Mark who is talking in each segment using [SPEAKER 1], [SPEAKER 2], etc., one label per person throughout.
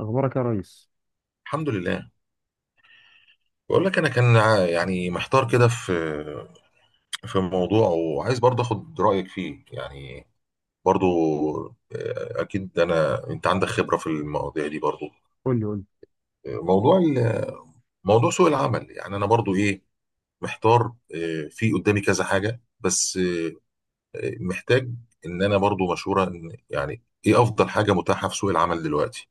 [SPEAKER 1] اخبارك يا ريس.
[SPEAKER 2] الحمد لله. بقول لك انا كان يعني محتار كده في موضوع، وعايز برضه اخد رايك فيه يعني، برضه. اكيد انت عندك خبره في المواضيع دي برضه.
[SPEAKER 1] قول لي قول لي.
[SPEAKER 2] آه، موضوع ال- موضوع سوق العمل، يعني انا برضه ايه، محتار. في قدامي كذا حاجه، بس محتاج ان انا برضه مشوره، ان يعني ايه افضل حاجه متاحه في سوق العمل دلوقتي؟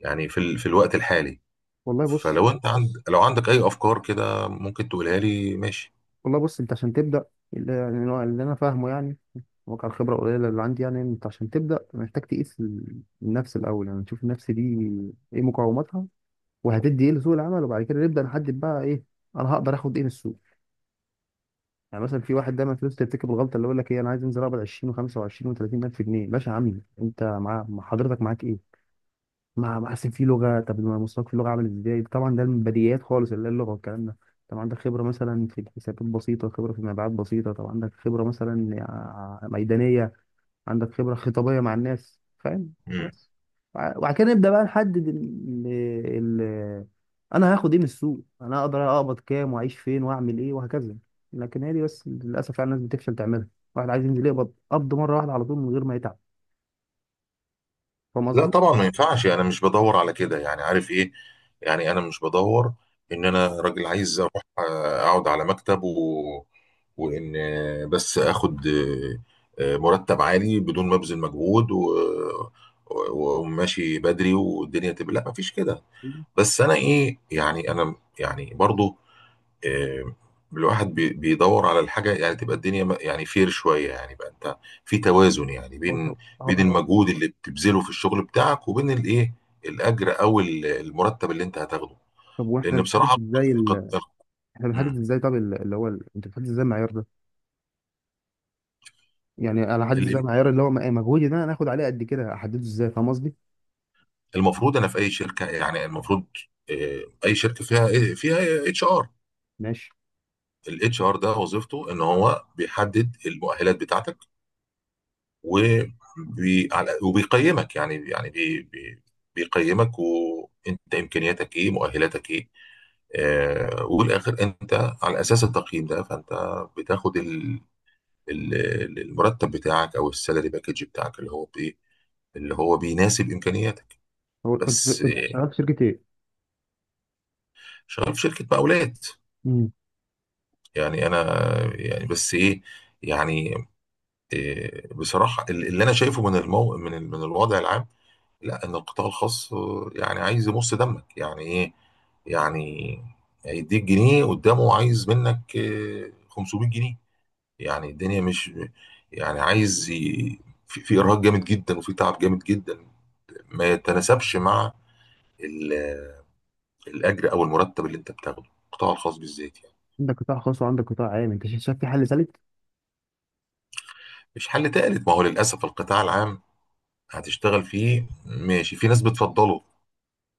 [SPEAKER 2] يعني في الوقت الحالي.
[SPEAKER 1] والله بص
[SPEAKER 2] فلو انت عندك اي افكار كده ممكن تقولها لي، ماشي.
[SPEAKER 1] والله بص انت عشان تبدا. اللي يعني اللي انا فاهمه، يعني واقع الخبره القليله اللي عندي. يعني انت عشان تبدا محتاج تقيس النفس الاول، يعني نشوف النفس دي ايه مقاوماتها وهتدي ايه لسوق العمل، وبعد كده نبدا نحدد بقى ايه انا هقدر اخد ايه من السوق. يعني مثلا في واحد دايما فلوس ترتكب الغلطه اللي يقول لك ايه: انا عايز انزل اقبض 20 و25 و30 الف جنيه. باشا يا عم، انت مع مع حضرتك معاك ايه؟ ما ما أصل في لغة، طب ما مستواك في اللغة عامل إزاي؟ طبعا ده من بديهيات خالص اللي هي اللغة والكلام ده. طب عندك خبرة مثلا في الحسابات بسيطة، خبرة في المبيعات بسيطة، طب عندك خبرة مثلا ميدانية، عندك خبرة خطابية مع الناس، فاهم؟ بس وبعد كده نبدأ بقى نحدد ال... أنا هاخد إيه من السوق، أنا أقدر أقبض كام وأعيش فين وأعمل إيه وهكذا. لكن هي دي بس للأسف يعني الناس بتفشل تعملها. واحد عايز ينزل يقبض قبض مرة واحدة على طول من غير ما يتعب. فاهم
[SPEAKER 2] لا
[SPEAKER 1] قصدي؟
[SPEAKER 2] طبعا، ما ينفعش، انا مش بدور على كده يعني، عارف ايه؟ يعني انا مش بدور ان انا راجل عايز اروح اقعد على مكتب وان آه، بس اخد مرتب عالي بدون ما ابذل مجهود، وماشي بدري، والدنيا تبقى، لا مفيش كده. بس انا ايه، يعني انا يعني برضو آه، الواحد بيدور على الحاجة، يعني تبقى الدنيا يعني فير شوية يعني، بقى انت في توازن يعني
[SPEAKER 1] هو- هو-
[SPEAKER 2] بين
[SPEAKER 1] هو-
[SPEAKER 2] المجهود اللي بتبذله في الشغل بتاعك، وبين الايه، الاجر او المرتب اللي انت هتاخده.
[SPEAKER 1] طب واحنا
[SPEAKER 2] لان
[SPEAKER 1] بنحدد
[SPEAKER 2] بصراحة
[SPEAKER 1] ازاي
[SPEAKER 2] قد-
[SPEAKER 1] احنا بنحدد
[SPEAKER 2] مم.
[SPEAKER 1] ازاي؟ طب انت بتحدد ازاي المعيار ده؟ يعني انا احدد ازاي
[SPEAKER 2] ال-
[SPEAKER 1] المعيار اللي هو مجهودي ده انا هاخد عليه قد كده؟ احدده ازاي؟ فاهم قصدي؟
[SPEAKER 2] المفروض انا في اي شركة، يعني المفروض اي شركة فيها إيه، فيها اتش ار.
[SPEAKER 1] ماشي.
[SPEAKER 2] الاتش ار ده وظيفته ان هو بيحدد المؤهلات بتاعتك، وبيقيمك، يعني بيقيمك وانت، امكانياتك ايه، مؤهلاتك ايه. آه، والاخر انت على اساس التقييم ده فانت بتاخد المرتب بتاعك، او السالري باكج بتاعك، اللي هو بايه، اللي هو بيناسب امكانياتك.
[SPEAKER 1] هو انت
[SPEAKER 2] بس
[SPEAKER 1] انت شغال في شركه ايه؟
[SPEAKER 2] شغال في شركه مقاولات
[SPEAKER 1] امم.
[SPEAKER 2] يعني. انا يعني، بس ايه يعني، بصراحه اللي انا شايفه من من الوضع العام، لا، ان القطاع الخاص يعني عايز يمص دمك يعني ايه. يعني هيديك جنيه، قدامه عايز منك 500 جنيه. يعني الدنيا مش، يعني في ارهاق جامد جدا وفي تعب جامد جدا، ما يتناسبش مع ال... الاجر او المرتب اللي انت بتاخده، القطاع الخاص بالذات يعني.
[SPEAKER 1] عندك قطاع خاص وعندك قطاع عام، انت شايف، في حل ثالث؟
[SPEAKER 2] مش حل تالت، ما هو للاسف القطاع العام هتشتغل فيه ماشي، في ناس بتفضله،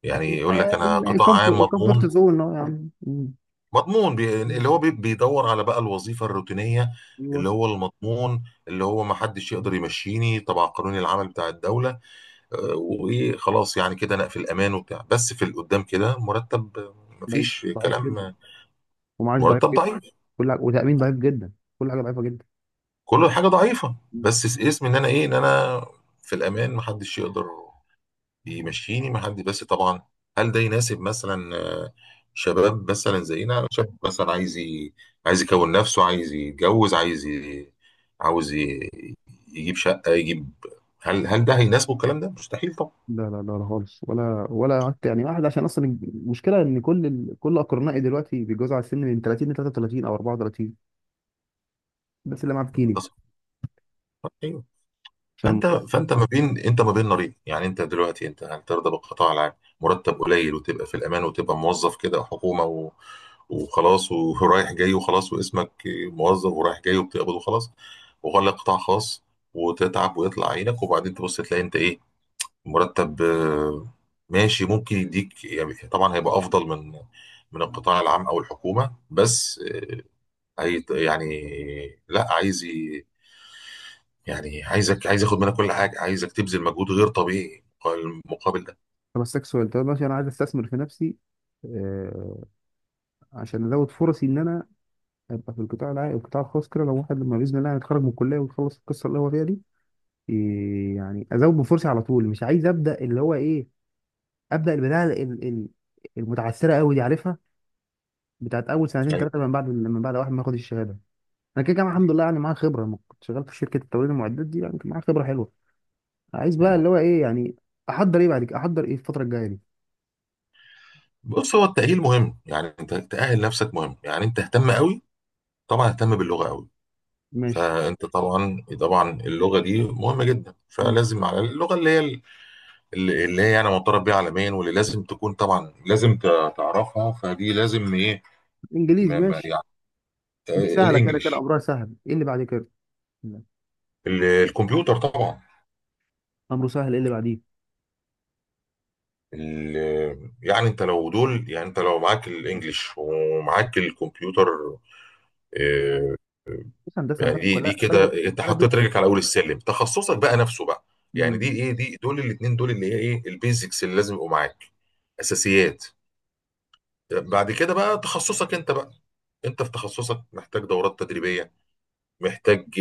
[SPEAKER 2] يعني يقول لك انا قطاع عام
[SPEAKER 1] كومفورت
[SPEAKER 2] مضمون.
[SPEAKER 1] زون اهو يا عم. مم.
[SPEAKER 2] مضمون بي...
[SPEAKER 1] مم.
[SPEAKER 2] اللي هو بي... بيدور على بقى الوظيفة الروتينية،
[SPEAKER 1] ايوه.
[SPEAKER 2] اللي هو المضمون، اللي هو ما حدش يقدر يمشيني طبعا، قانون العمل بتاع الدولة. وايه، خلاص يعني كده انا في الامان وبتاع، بس في القدام كده مرتب،
[SPEAKER 1] ضعيف،
[SPEAKER 2] مفيش
[SPEAKER 1] ضعيف
[SPEAKER 2] كلام.
[SPEAKER 1] جدا، ومعاش ضعيف
[SPEAKER 2] مرتب
[SPEAKER 1] جدا،
[SPEAKER 2] ضعيف،
[SPEAKER 1] كل حاجه، وتامين ضعيف جدا، كل حاجه ضعيفه جدا.
[SPEAKER 2] كل حاجة ضعيفة، بس اسم ان انا ايه، ان انا في الامان، ما حدش يقدر بيمشيني مع حد، بس طبعا هل ده يناسب مثلا شباب مثلا زينا، شاب مثلا عايز يكون نفسه، عايز يتجوز، عايز ي- عاوز ي- يجيب شقة، يجيب، هل ده هيناسبه الكلام ده؟ مستحيل
[SPEAKER 1] لا لا لا لا خالص، ولا ولا قعدت. يعني واحد، عشان اصلا المشكله ان كل اقرنائي دلوقتي بيتجوزوا على السن، من 30 ل 33 او 34، بس اللي معاه بكيني،
[SPEAKER 2] طبعا.
[SPEAKER 1] عشان الموضوع.
[SPEAKER 2] فانت ما بين، انت ما بين نارين يعني. انت دلوقتي انت، هل ترضى بالقطاع العام، مرتب قليل، وتبقى في الامان، وتبقى موظف كده حكومه وخلاص، ورايح جاي، وخلاص واسمك موظف ورايح جاي وبتقبض وخلاص، وغلق قطاع خاص وتتعب ويطلع عينك، وبعدين تبص تلاقي انت ايه، مرتب ماشي، ممكن يديك يعني. طبعا هيبقى افضل من القطاع العام او الحكومه، بس هي يعني، لا، عايز يعني، عايز اخد منك كل حاجه، عايزك تبذل مجهود غير طبيعي، المقابل ده
[SPEAKER 1] بس سكسوال. طب ماشي، انا عايز استثمر في نفسي. آه، عشان ازود فرصي ان انا ابقى في القطاع العام، القطاع الخاص كده، لو واحد لما باذن الله يتخرج من الكليه ويخلص القصه اللي هو فيها دي إيه، يعني ازود من فرصي على طول. مش عايز ابدا اللي هو ايه، ابدا البدايه المتعثره قوي دي، عارفها، بتاعت اول سنتين
[SPEAKER 2] ايوه.
[SPEAKER 1] ثلاثه من بعد، واحد ما ياخد الشهاده. انا كده كده الحمد لله يعني معايا خبره، لما كنت شغال في شركه التوريد المعدات دي يعني كان معايا خبره حلوه. عايز بقى
[SPEAKER 2] مم.
[SPEAKER 1] اللي هو ايه يعني، احضر ايه بعد كده، احضر ايه الفتره الجايه دي؟
[SPEAKER 2] بص، هو التأهيل مهم يعني. انت تأهل نفسك مهم يعني، انت اهتم قوي، طبعا اهتم باللغة قوي.
[SPEAKER 1] ماشي.
[SPEAKER 2] فانت طبعا، اللغة دي مهمة جدا،
[SPEAKER 1] م.
[SPEAKER 2] فلازم على اللغة اللي هي، اللي هي يعني معترف بيها عالميا، واللي لازم تكون طبعا، لازم تعرفها، فدي لازم ايه،
[SPEAKER 1] انجليزي،
[SPEAKER 2] ما ما
[SPEAKER 1] ماشي.
[SPEAKER 2] يعني
[SPEAKER 1] دي سهله كده كده،
[SPEAKER 2] الانجليش.
[SPEAKER 1] امرها سهل. ايه اللي بعد كده؟ لا.
[SPEAKER 2] الكمبيوتر طبعا.
[SPEAKER 1] امره سهل. ايه اللي بعديه؟
[SPEAKER 2] يعني انت لو دول، يعني انت لو معاك الانجليش ومعاك الكمبيوتر آه،
[SPEAKER 1] بص هندسه
[SPEAKER 2] يعني
[SPEAKER 1] البلد
[SPEAKER 2] دي
[SPEAKER 1] كلها
[SPEAKER 2] كده
[SPEAKER 1] بلد،
[SPEAKER 2] انت
[SPEAKER 1] بلد دي.
[SPEAKER 2] حطيت رجلك على اول السلم، تخصصك بقى نفسه بقى. يعني
[SPEAKER 1] م،
[SPEAKER 2] دي ايه، دي دول اللي هي ايه، البيزكس اللي لازم يبقوا معاك، اساسيات. بعد كده بقى تخصصك انت بقى، انت في تخصصك محتاج دورات تدريبية، محتاج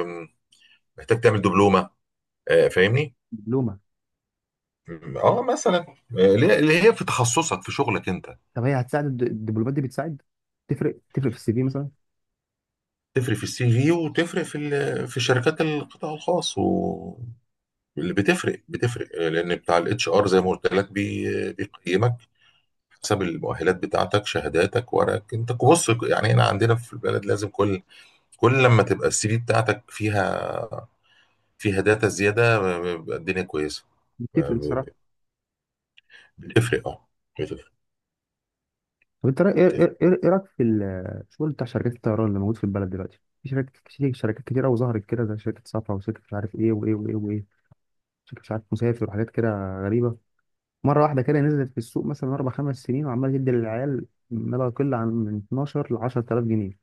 [SPEAKER 2] آم، محتاج تعمل دبلومة. فاهمني،
[SPEAKER 1] دبلومه.
[SPEAKER 2] اه مثلا اللي هي في تخصصك، في شغلك انت،
[SPEAKER 1] طب هي هتساعد، الدبلومات دي بتساعد، تفرق؟ في السي في مثلا؟
[SPEAKER 2] تفرق في السي في، وتفرق في في شركات القطاع الخاص، واللي بتفرق لان بتاع الاتش ار زي ما قلت لك بيقيمك حسب المؤهلات بتاعتك، شهاداتك، ورقك انت، بص يعني، هنا عندنا في البلد لازم كل لما تبقى السي في بتاعتك فيها داتا زياده، بيبقى الدنيا كويسه.
[SPEAKER 1] بتفرق.
[SPEAKER 2] بتفرق، اه، بتفرق،
[SPEAKER 1] طب انت رأي- ايه
[SPEAKER 2] بتفرق.
[SPEAKER 1] ايه ايه إيه رايك في الشغل بتاع شركات الطيران اللي موجود في البلد دلوقتي؟ في شركات كتير، شركات كتيره، وظهرت كده زي شركه صفا وشركه مش عارف ايه وايه وايه وايه، شركه مش عارف مسافر وحاجات كده غريبه. مره واحده كده نزلت في السوق مثلا اربع خمس سنين، وعماله تدي للعيال ما لا يقل عن من 12 ل 10000 جنيه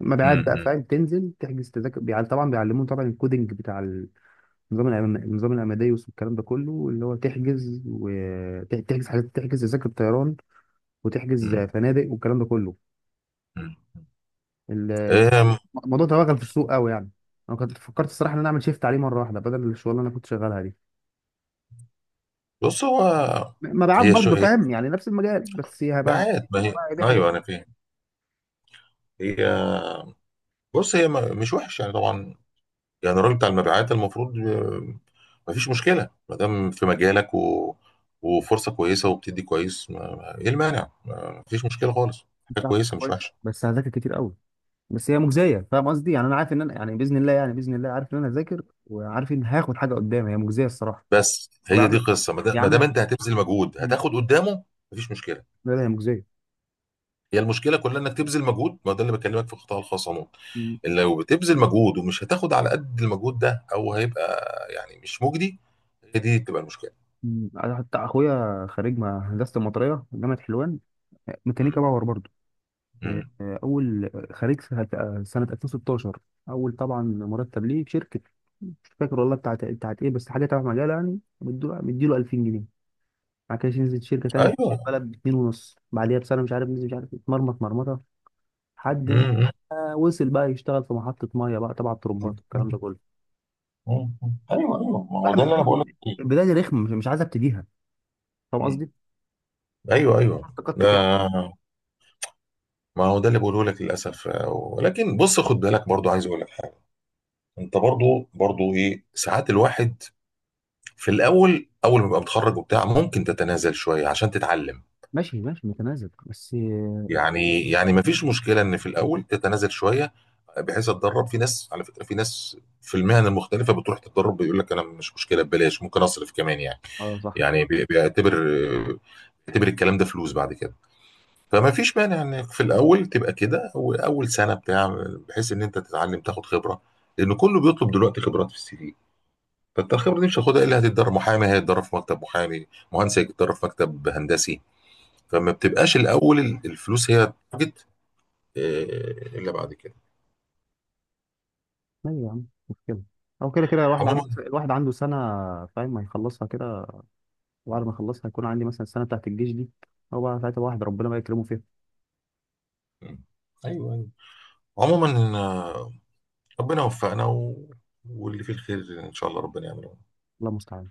[SPEAKER 1] مبيعات بقى،
[SPEAKER 2] م- م-
[SPEAKER 1] فاهم؟ تنزل تحجز تذاكر طبعا بيعلمون، طبعا الكودينج بتاع النظام، النظام الاماديوس والكلام ده كله، اللي هو تحجز، وتحجز حاجات، تحجز تذاكر طيران وتحجز
[SPEAKER 2] م-
[SPEAKER 1] فنادق والكلام ده كله.
[SPEAKER 2] م.
[SPEAKER 1] ال-
[SPEAKER 2] أم،
[SPEAKER 1] الموضوع توغل في السوق قوي يعني. انا كنت فكرت الصراحه ان انا اعمل شيفت عليه مره واحده بدل الشغل اللي انا كنت شغالها دي.
[SPEAKER 2] بص، هو
[SPEAKER 1] مبيعات
[SPEAKER 2] هي شو
[SPEAKER 1] برضه،
[SPEAKER 2] هي
[SPEAKER 1] فاهم يعني، نفس المجال، بس هي بقى،
[SPEAKER 2] مبيعات، ما هي،
[SPEAKER 1] هي دي حاجات
[SPEAKER 2] ايوه انا فاهم هي، بص هي مش وحش يعني، طبعا يعني الراجل بتاع المبيعات المفروض ما فيش مشكله، ما دام في مجالك و... وفرصه كويسه وبتدي كويس، ايه المانع، ما فيش مشكله خالص، حاجه
[SPEAKER 1] بتاعت
[SPEAKER 2] كويسه مش
[SPEAKER 1] كويسه،
[SPEAKER 2] وحشه.
[SPEAKER 1] بس هذاكر كتير قوي. بس هي مجزيه، فاهم قصدي؟ يعني انا عارف ان انا، يعني باذن الله، يعني باذن الله عارف ان انا هذاكر، وعارف ان هاخد حاجه قدام، هي مجزيه الصراحه.
[SPEAKER 2] بس
[SPEAKER 1] هو
[SPEAKER 2] هي دي
[SPEAKER 1] بيعاملك،
[SPEAKER 2] قصه، ما دام
[SPEAKER 1] بيعاملك
[SPEAKER 2] انت هتبذل مجهود
[SPEAKER 1] مم.
[SPEAKER 2] هتاخد قدامه، ما فيش مشكله.
[SPEAKER 1] لا لا هي مجزيه.
[SPEAKER 2] هي المشكله كلها انك تبذل مجهود، ما ده اللي بكلمك في القطاع الخاص عموما،
[SPEAKER 1] مم.
[SPEAKER 2] إن لو بتبذل مجهود ومش هتاخد على قد المجهود ده، او هيبقى يعني مش مجدي، هي دي تبقى المشكله.
[SPEAKER 1] مم. أنا حتى اخويا خريج هندسه المطريه جامعه حلوان،
[SPEAKER 2] امم،
[SPEAKER 1] ميكانيكا باور برضه. آه،
[SPEAKER 2] امم،
[SPEAKER 1] اول خريج سنه سنة 2016. اول طبعا مرتب ليه في شركه مش فاكر والله، بتاعت ايه، بس حاجه تبع مجاله يعني، مديله، 2000 جنيه. بعد كده نزل شركه تانيه في
[SPEAKER 2] ايوه،
[SPEAKER 1] البلد ب 2 ونص، بعديها بسنه مش عارف نزل، مش عارف اتمرمط مرمطه لحد ما
[SPEAKER 2] امم،
[SPEAKER 1] وصل بقى يشتغل في محطه ميه بقى تبع الترمبات والكلام ده
[SPEAKER 2] امم.
[SPEAKER 1] كله.
[SPEAKER 2] مم. ايوه، ايوه، ما هو
[SPEAKER 1] الواحد
[SPEAKER 2] ده
[SPEAKER 1] مش
[SPEAKER 2] اللي انا
[SPEAKER 1] عايز
[SPEAKER 2] بقول لك فيه.
[SPEAKER 1] البدايه دي ركمه، مش عايز ابتديها. فاهم
[SPEAKER 2] مم.
[SPEAKER 1] قصدي؟
[SPEAKER 2] ايوه، ايوه،
[SPEAKER 1] شورت كات كده.
[SPEAKER 2] آه، ما هو ده اللي بقوله لك للاسف. ولكن بص، خد بالك برضو، عايز اقول لك حاجه. انت برضو، ايه، ساعات الواحد في الاول، اول ما يبقى متخرج وبتاع، ممكن تتنازل شويه عشان تتعلم
[SPEAKER 1] ماشي، ماشي متناسب بس.
[SPEAKER 2] يعني. ما فيش مشكله ان في الاول تتنازل شويه، بحيث اتدرب. في ناس على فكره، في ناس في المهن المختلفه بتروح تتدرب، بيقول لك انا مش مشكله ببلاش، ممكن اصرف كمان يعني.
[SPEAKER 1] اه صح،
[SPEAKER 2] يعني بيعتبر بيعتبر الكلام ده فلوس بعد كده. فما فيش مانع انك في الاول تبقى كده، اول سنه بتاع، بحيث ان انت تتعلم تاخد خبره، لان كله بيطلب دلوقتي خبرات في السي في، فانت الخبره دي مش هتاخدها الا هتتدرب. محامي هيتدرب في مكتب محامي، مهندس هيتدرب في مكتب هندسي، فما بتبقاش الاول الفلوس هي تارجت، الا بعد كده.
[SPEAKER 1] ايوه يا عم مش مشكله. او كده كده الواحد
[SPEAKER 2] عموما.
[SPEAKER 1] عنده، الواحد عنده سنه فاهم هيخلصها كده، وبعد ما يخلصها هيكون عندي مثلا السنه بتاعت الجيش دي، هو بقى ساعتها الواحد ربنا بقى يكرمه فيها.
[SPEAKER 2] مم. ايوه، ايوه. عموما ربنا وفقنا واللي فيه الخير ان شاء الله ربنا يعمله.
[SPEAKER 1] الله المستعان.